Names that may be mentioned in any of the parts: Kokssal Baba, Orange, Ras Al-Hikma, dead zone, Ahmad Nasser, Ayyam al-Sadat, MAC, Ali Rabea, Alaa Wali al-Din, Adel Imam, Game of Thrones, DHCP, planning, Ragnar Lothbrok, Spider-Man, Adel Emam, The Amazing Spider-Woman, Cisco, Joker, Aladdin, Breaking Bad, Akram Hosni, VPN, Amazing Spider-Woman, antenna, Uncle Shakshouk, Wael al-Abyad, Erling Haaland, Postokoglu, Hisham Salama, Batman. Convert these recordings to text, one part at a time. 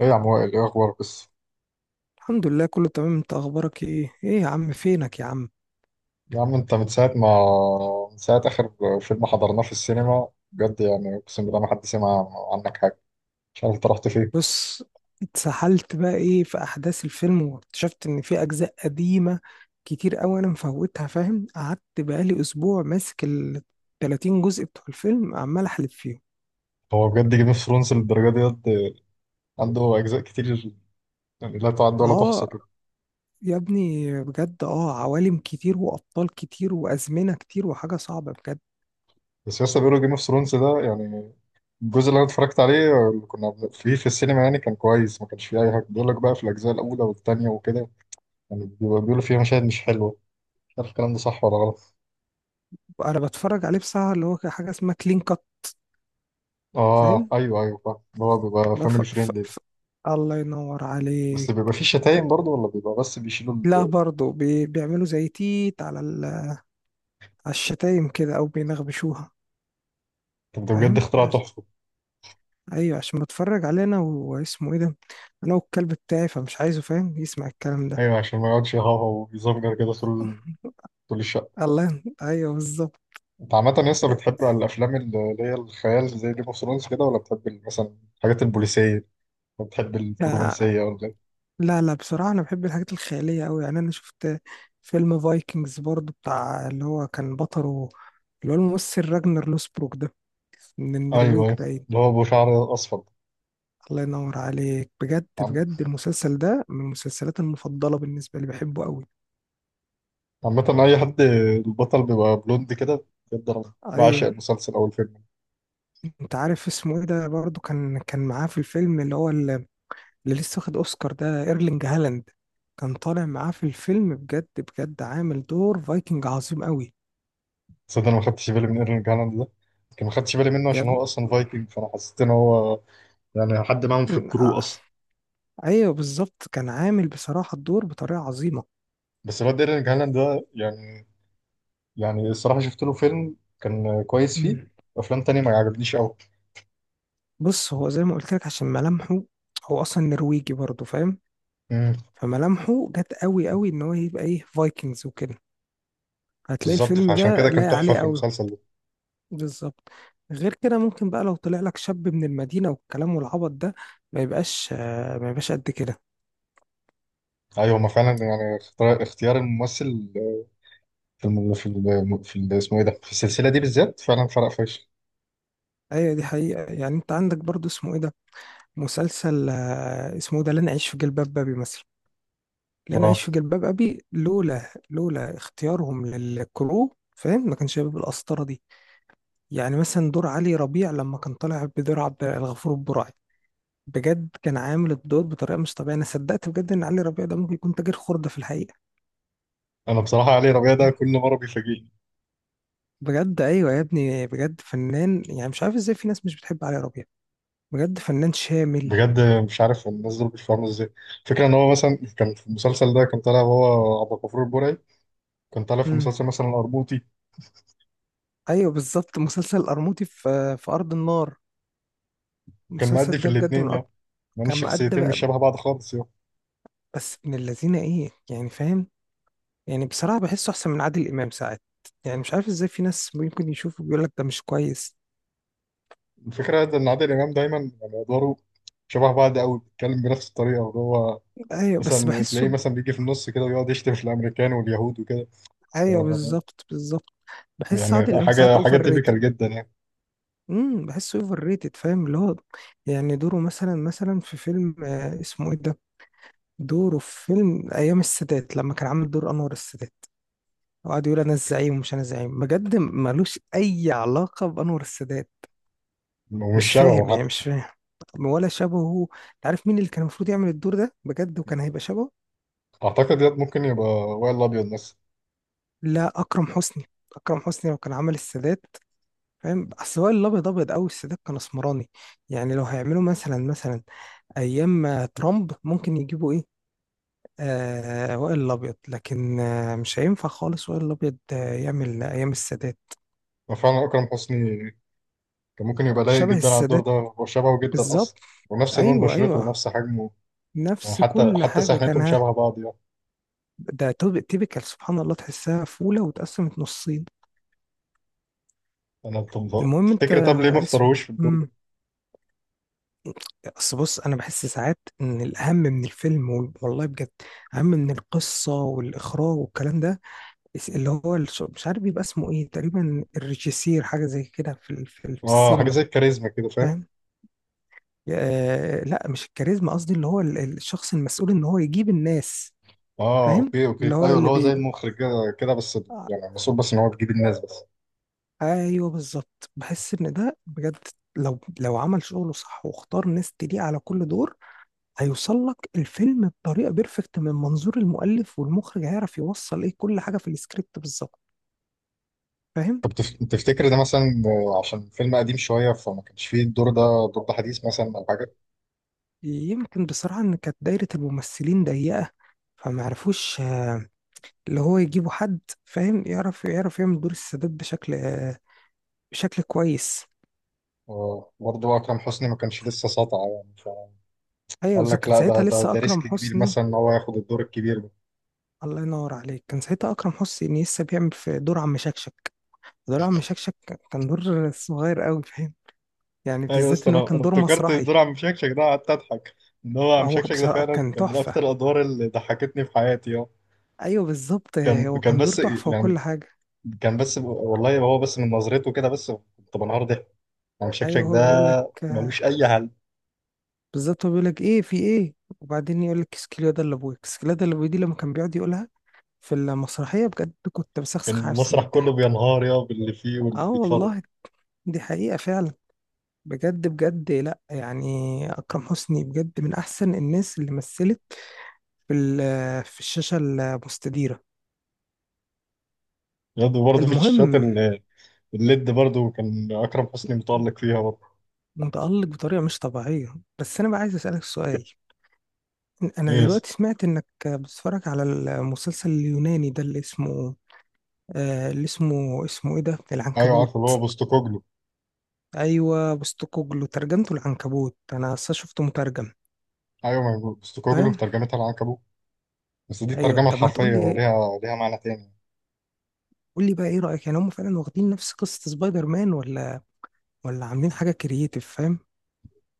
ايه يا عم وائل، ايه اخبارك بس؟ الحمد لله، كله تمام. انت اخبارك ايه؟ ايه يا عم فينك يا عم؟ يا عم انت من ساعه ما من ساعه اخر فيلم حضرناه في السينما، بجد يعني اقسم بالله ما حد سمع عنك حاجه، مش عارف انت رحت فين. بص، اتسحلت بقى ايه في احداث الفيلم واكتشفت ان في اجزاء قديمة كتير قوي انا مفوتها، فاهم؟ قعدت بقالي اسبوع ماسك ال 30 جزء بتوع الفيلم عمال احلب فيهم. هو بجد جيم اوف ثرونز للدرجه ديت؟ عنده اجزاء كتير يعني لا تعد ولا تحصى اه كده؟ يا ابني، بجد اه عوالم كتير وابطال كتير وازمنة كتير وحاجة صعبة بجد. بس لسه بيقولوا جيم اوف ثرونز ده يعني الجزء اللي انا اتفرجت عليه اللي فيه في السينما يعني كان كويس، ما كانش فيه اي حاجه، بيقول لك بقى في الاجزاء الاولى والثانيه وكده يعني بيقولوا فيها مشاهد مش حلوه، مش عارف الكلام ده صح ولا غلط. انا بتفرج عليه بصراحة اللي هو حاجة اسمها كلين كات، اه فاهم؟ ايوه ايوه، فاهم اللي هو بيبقى لو فاميلي فريندلي. الله ينور بس بيبقى عليك. فيه شتايم برضه، ولا بيبقى بس بيشيلوا لا ال... برضه بيعملوا زي تيت على على الشتايم كده او بينغبشوها، طب ده بجد فاهم؟ اختراع تحفة. ايوه عشان بتفرج علينا واسمه ايه ده، انا والكلب بتاعي فمش عايزه، فاهم، يسمع الكلام ده. ايوه عشان ما يقعدش يهوهو ويزمجر كده طول طول الشقة. الله، ايوه بالظبط. انت عامة لسه بتحب الافلام اللي هي الخيال زي جيم اوف ثرونز كده، ولا بتحب مثلا الحاجات البوليسية، ولا بتحب لا الرومانسية ولا ايه؟ لا، بصراحه انا بحب الحاجات الخياليه قوي. يعني انا شفت فيلم فايكنجز برضو، بتاع اللي هو كان بطله اللي هو الممثل راجنر لوسبروك ده، من ايوه النرويج ايوه، باين. اللي هو ابو شعر اصفر. الله ينور عليك، بجد عم- بجد المسلسل ده من المسلسلات المفضله بالنسبه لي، بحبه قوي. عامة اي حد البطل بيبقى بلوند كده، بجد انا بعشق ايوه، المسلسل او الفيلم. انت عارف اسمه ايه ده، برضه كان معاه في الفيلم اللي هو اللي لسه واخد اوسكار ده، ايرلينج هالاند. كان طالع معاه في الفيلم، بجد بجد عامل دور فايكنج عظيم قوي. تصدق انا ما خدتش بالي من ايرلينج هالاند ده، يمكن ما خدتش بالي منه يا عشان هو ابني، اصلا فايكنج، فانا حسيت ان هو يعني حد معاهم في م- الكرو آه، اصلا. ايوه بالظبط، كان عامل بصراحة الدور بطريقة عظيمة. بس الواد ايرلينج هالاند ده يعني، يعني الصراحه شفت له فيلم كان كويس، فيه مم. افلام تانية ما عجبنيش قوي. بص، هو زي ما قلت لك عشان ملامحه، هو اصلا نرويجي برضه، فاهم؟ امم، فملامحه جت قوي قوي ان هو يبقى ايه فايكنجز وكده. هتلاقي بالظبط، الفيلم فعشان ده كده كان لايق تحفه عليه في قوي. المسلسل ده. بالظبط، غير كده ممكن بقى لو طلع لك شاب من المدينة والكلام والعبط ده ما يبقاش، ما يبقاش قد كده. ايوه ما فعلا، يعني اختيار الممثل في اسمه ايه ده في السلسله دي بالذات فعلا فرق فشخ. ايوه دي حقيقة. يعني انت عندك برضو اسمه ايه ده، مسلسل اسمه إيه ده، لن اعيش في جلباب ابي مثلا. لن اعيش اه، في جلباب ابي لولا اختيارهم للكرو، فاهم، ما كانش هيبقى بالقسطرة دي. يعني مثلا دور علي ربيع لما كان طالع بدور عبد الغفور البرعي، بجد كان عامل الدور بطريقة مش طبيعية. انا صدقت بجد ان علي ربيع ده ممكن يكون تاجر خردة في الحقيقة. انا بصراحه علي ربيع ده كل مره بيفاجئني. بجد ايوه يا ابني، بجد فنان. يعني مش عارف ازاي في ناس مش بتحب علي ربيع، بجد فنان شامل. بجد مش عارف الناس دول بيفهموا ازاي فكرة ان هو مثلا كان في المسلسل ده كان طالع هو عبد الغفور البرعي، كان طالع في امم، مسلسل مثلا الارموطي. ايوه بالظبط، مسلسل القرموطي في في ارض النار، كان مأدي المسلسل في ده بجد من الاتنين يا، اكتر. لأن كان مقد الشخصيتين بقى مش شبه بعض خالص يا. بس من الذين ايه، يعني فاهم؟ يعني بصراحه بحسه احسن من عادل امام ساعات. يعني مش عارف ازاي في ناس ممكن يشوفه بيقول لك ده مش كويس. الفكرة إن عادل إمام دايما يعني أدواره شبه بعض أوي، بيتكلم بنفس الطريقة وهو هو. ايوه بس مثلا تلاقيه بحسه. مثلا بيجي في النص كده ويقعد يشتم في الأمريكان واليهود وكده. ف- ايوه بالظبط بالظبط، بحس عادل يعني امام ساعات حاجة اوفر تيبيكال ريتد. جدا يعني. امم، بحسه اوفر ريتد، فاهم اللي هو، يعني دوره مثلا في فيلم اسمه ايه ده، دوره في فيلم ايام السادات لما كان عامل دور انور السادات، وقعد يقول انا الزعيم ومش انا الزعيم. بجد ملوش اي علاقه بانور السادات، ومش مش شبهه فاهم يعني، حتى. مش فاهم ولا شبهه. انت عارف مين اللي كان المفروض يعمل الدور ده بجد وكان هيبقى شبهه؟ أعتقد ياد ممكن يبقى وائل الأبيض مثلا. لا، اكرم حسني. اكرم حسني لو كان عمل السادات، فاهم؟ اصل هو الابيض ابيض قوي، السادات كان اسمراني. يعني لو هيعملوا مثلا ايام ترامب ممكن يجيبوا ايه، آه وائل الأبيض. لكن آه مش هينفع خالص وائل الأبيض آه يعمل أيام السادات. فعلا أكرم حسني كان ممكن يبقى لايق شبه جدا على الدور السادات ده، هو شبهه جدا أصلا، بالظبط. ونفس لون أيوه بشرته أيوه، ونفس حجمه. يعني نفس حتى كل حاجة كان سحنتهم ها. شبه بعض يعني. ده تيبيكال، سبحان الله تحسها فولة واتقسمت نصين. أنا طب المهم أنت تفتكر، طب ليه ما اسمه اختاروش في الدور ده؟ مم. أصل بص، أنا بحس ساعات إن الأهم من الفيلم والله بجد أهم من القصة والإخراج والكلام ده، اللي هو مش عارف بيبقى اسمه إيه، تقريبا الريجيسير، حاجة زي كده في اه حاجه زي السينما، الكاريزما كده، فاهم. فاهم؟ لا مش الكاريزما قصدي، اللي هو الشخص المسؤول ان هو يجيب الناس. اه فاهم اوكي اللي اوكي هو ايوه، اللي اللي هو زي بي، المخرج كده كده بس. آه، يعني المفروض بس ان هو بيجيب الناس بس. ايوه بالظبط، بحس ان ده بجد، لو عمل شغله صح واختار ناس تليق على كل دور، هيوصل لك الفيلم بطريقه بيرفكت. من منظور المؤلف والمخرج هيعرف يوصل ايه كل حاجه في السكريبت بالظبط، فاهم؟ تفتكر ده مثلا عشان فيلم قديم شويه فما كانش فيه الدور ده، الدور ده حديث مثلا او حاجه. يمكن بصراحه ان كانت دايره الممثلين ضيقه، فما عرفوش، اللي هو يجيبوا حد، فاهم، يعرف يعمل دور السادات بشكل، بشكل كويس. برضه اكرم حسني ما كانش لسه ساطع يعني. ايوه فقال بالظبط، لك كان لا، ده ساعتها ده لسه ده ريسك اكرم كبير حسني. مثلا ان هو ياخد الدور الكبير ده. الله ينور عليك، كان ساعتها اكرم حسني لسه بيعمل في دور عم شكشك. دور عم شكشك كان دور صغير قوي، فاهم؟ يعني ايوه بالذات بس ان هو انا كان انا دور افتكرت مسرحي. دور عم شكشك ده قعدت اضحك. ان هو عم هو شكشك ده بصراحه فعلا كان كان من اكتر تحفه. الادوار اللي ضحكتني في حياتي. اه، ايوه بالظبط، كان هو كان دور بس تحفه يعني وكل حاجه. كان بس والله هو بس من نظرته كده بس كنت بنهار ضحك. يعني شكلك ايوه ده هو بيقول لك، ملوش اي حل. بالظبط هو بيقول لك ايه في ايه، وبعدين يقول لك اسكليادا اللي ابويا، اسكليادا اللي ابويا دي لما كان بيقعد يقولها في المسرحيه، بجد كنت كان بسخسخ نفسي من المسرح كله الضحك. بينهار يا باللي فيه واللي اه بيتفرج. والله، دي حقيقه فعلا. بجد بجد، لا يعني أكرم حسني بجد من أحسن الناس اللي مثلت في الشاشة المستديرة. برضه في الشاشات المهم، الليد برضه كان اكرم حسني متالق فيها برضه. متألق بطريقة مش طبيعية. بس أنا بقى عايز أسألك سؤال، أنا يس. دلوقتي سمعت إنك بتتفرج على المسلسل اليوناني ده اللي اسمه، آه اللي اسمه إيه ده، ايوه العنكبوت. عارف اللي هو بوستوكوجلو. أيوة بوستوكوجلو، ترجمته العنكبوت، أنا أصلا شفته مترجم، ايوه، ما هو بوستوكوجلو فاهم؟ ترجمتها العنكبوت، بس دي أيوة، الترجمه طب ما الحرفيه، تقولي، ليها معنى تاني. قولي بقى إيه رأيك؟ يعني هم فعلا واخدين نفس قصة سبايدر مان، ولا ولا عاملين حاجة كرييتيف، فاهم؟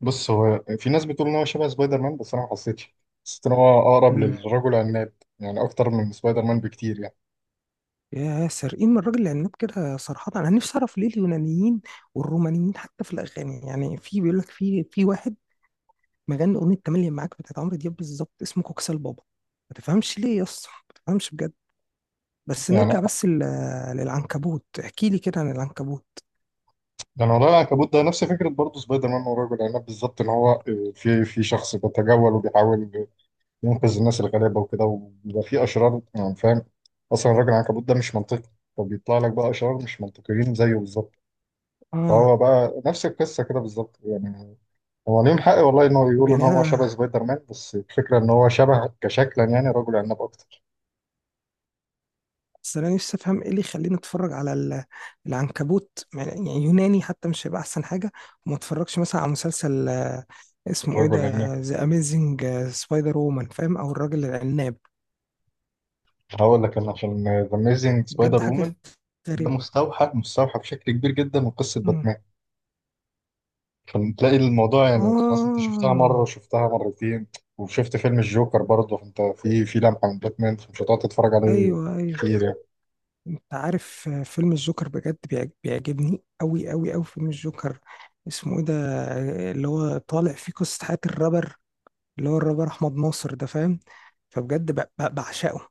بص، هو في ناس بتقول ان هو شبه سبايدر مان، بس انا ما حسيتش، حسيت ان هو اقرب امم، للرجل العناب، يعني اكتر من سبايدر مان بكتير يعني. يا سارقين من الراجل العناب كده. صراحة أنا نفسي أعرف ليه اليونانيين والرومانيين حتى في الأغاني، يعني في بيقول لك في واحد مغني أغنية تملي معاك بتاعت عمرو دياب بالظبط، اسمه كوكسال بابا. ما تفهمش ليه يا اسطى، ما تفهمش بجد. بس نرجع يعني بس للعنكبوت، احكي لي كده عن العنكبوت. ده انا ورايا العنكبوت ده نفس فكره برضه سبايدر مان ورجل العناب بالظبط، ان هو في شخص بيتجول وبيحاول ينقذ الناس الغلابه وكده وبيبقى في اشرار يعني، فاهم؟ اصلا الراجل العنكبوت ده مش منطقي، فبيطلع لك بقى اشرار مش منطقيين زيه بالظبط. اه فهو بقى نفس القصه كده بالظبط يعني. هو ليهم حق والله ان هو طب يقولوا ان يعني هو شبه أنا، سبايدر مان، بس الفكره ان هو شبه كشكلا يعني رجل عناب اكتر. بس انا نفسي افهم ايه اللي يخليني اتفرج على العنكبوت، يعني يوناني حتى مش هيبقى احسن حاجه، وما اتفرجش مثلا على مسلسل اسمه ايه الرجل عناب، ده، ذا اميزنج سبايدر وومن، فاهم، او الراجل العناب. هقول لك انا، عشان ذا اميزنج بجد سبايدر وومن حاجه ده غريبه. مستوحى بشكل كبير جدا من قصه مم. باتمان، فتلاقي الموضوع يعني خلاص انت شفتها مره اه، وشفتها مرتين وشفت فيلم الجوكر برضه، فانت في لمحه من باتمان، فمش هتقعد تتفرج عليه ايوه ايوه. كتير يعني. انت عارف فيلم الجوكر بجد بيعجبني قوي قوي قوي فيلم الجوكر، اسمه ايه ده، اللي هو طالع فيه قصه حياه الرابر، اللي هو الرابر احمد ناصر ده، فاهم؟ فبجد بعشقه.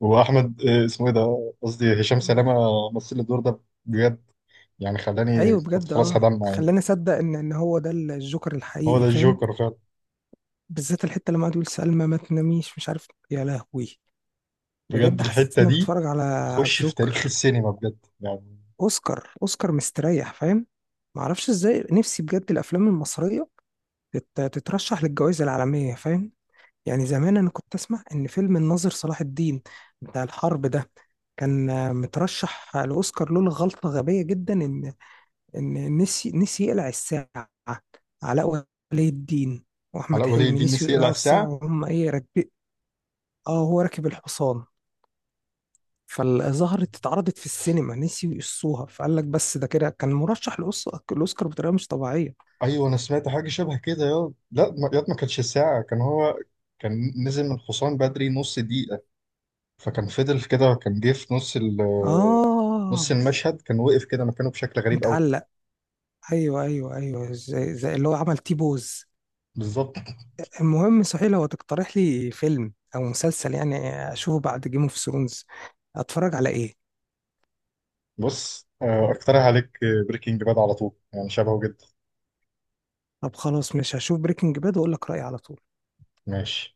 واحمد اسمه ايه ده، قصدي هشام سلامه، مثل الدور ده بجد، يعني خلاني ايوه كنت بجد، خلاص اه هدمع يعني. خلاني اصدق ان هو ده الجوكر هو ده الحقيقي، فاهم؟ الجوكر فعلا. بالذات الحته لما قعد يقول سلمى ما تناميش، مش عارف يا لهوي، بجد بجد حسيت الحته اني دي بتفرج على على تخش في تاريخ الجوكر. السينما بجد يعني. اوسكار، اوسكار مستريح فاهم. ما اعرفش ازاي، نفسي بجد الافلام المصريه تترشح للجوائز العالميه، فاهم؟ يعني زمان انا كنت اسمع ان فيلم الناظر صلاح الدين بتاع الحرب ده كان مترشح لاوسكار، لولا غلطه غبيه جدا، ان ان نسي يقلع الساعه. علاء ولي الدين واحمد علاء ولي حلمي الدين نسيوا نسي يقلع يقلعوا الساعه الساعه؟ وهم ايه راكبين. اه هو راكب الحصان، فظهرت اتعرضت في السينما، نسيوا يقصوها، فقال لك بس ده كده كان مرشح للاوسكار بطريقه مش طبيعيه. ايوه انا سمعت حاجه شبه كده، يا لا يا ما كانتش الساعه، كان هو كان نزل من الحصان بدري نص دقيقة، فكان فضل في كده كان جه في نص نص اه المشهد، كان وقف كده مكانه بشكل غريب قوي. متعلق، ايوه ايوه ايوه، زي اللي هو عمل تي بوز. بالظبط. المهم صحيح، لو تقترح لي فيلم او مسلسل يعني اشوفه بعد جيم اوف ثرونز، اتفرج على ايه؟ بص اقترح عليك بريكنج باد على طول، يعني شبهه جدا. طب خلاص، مش هشوف بريكنج باد واقول لك رايي على طول. ماشي.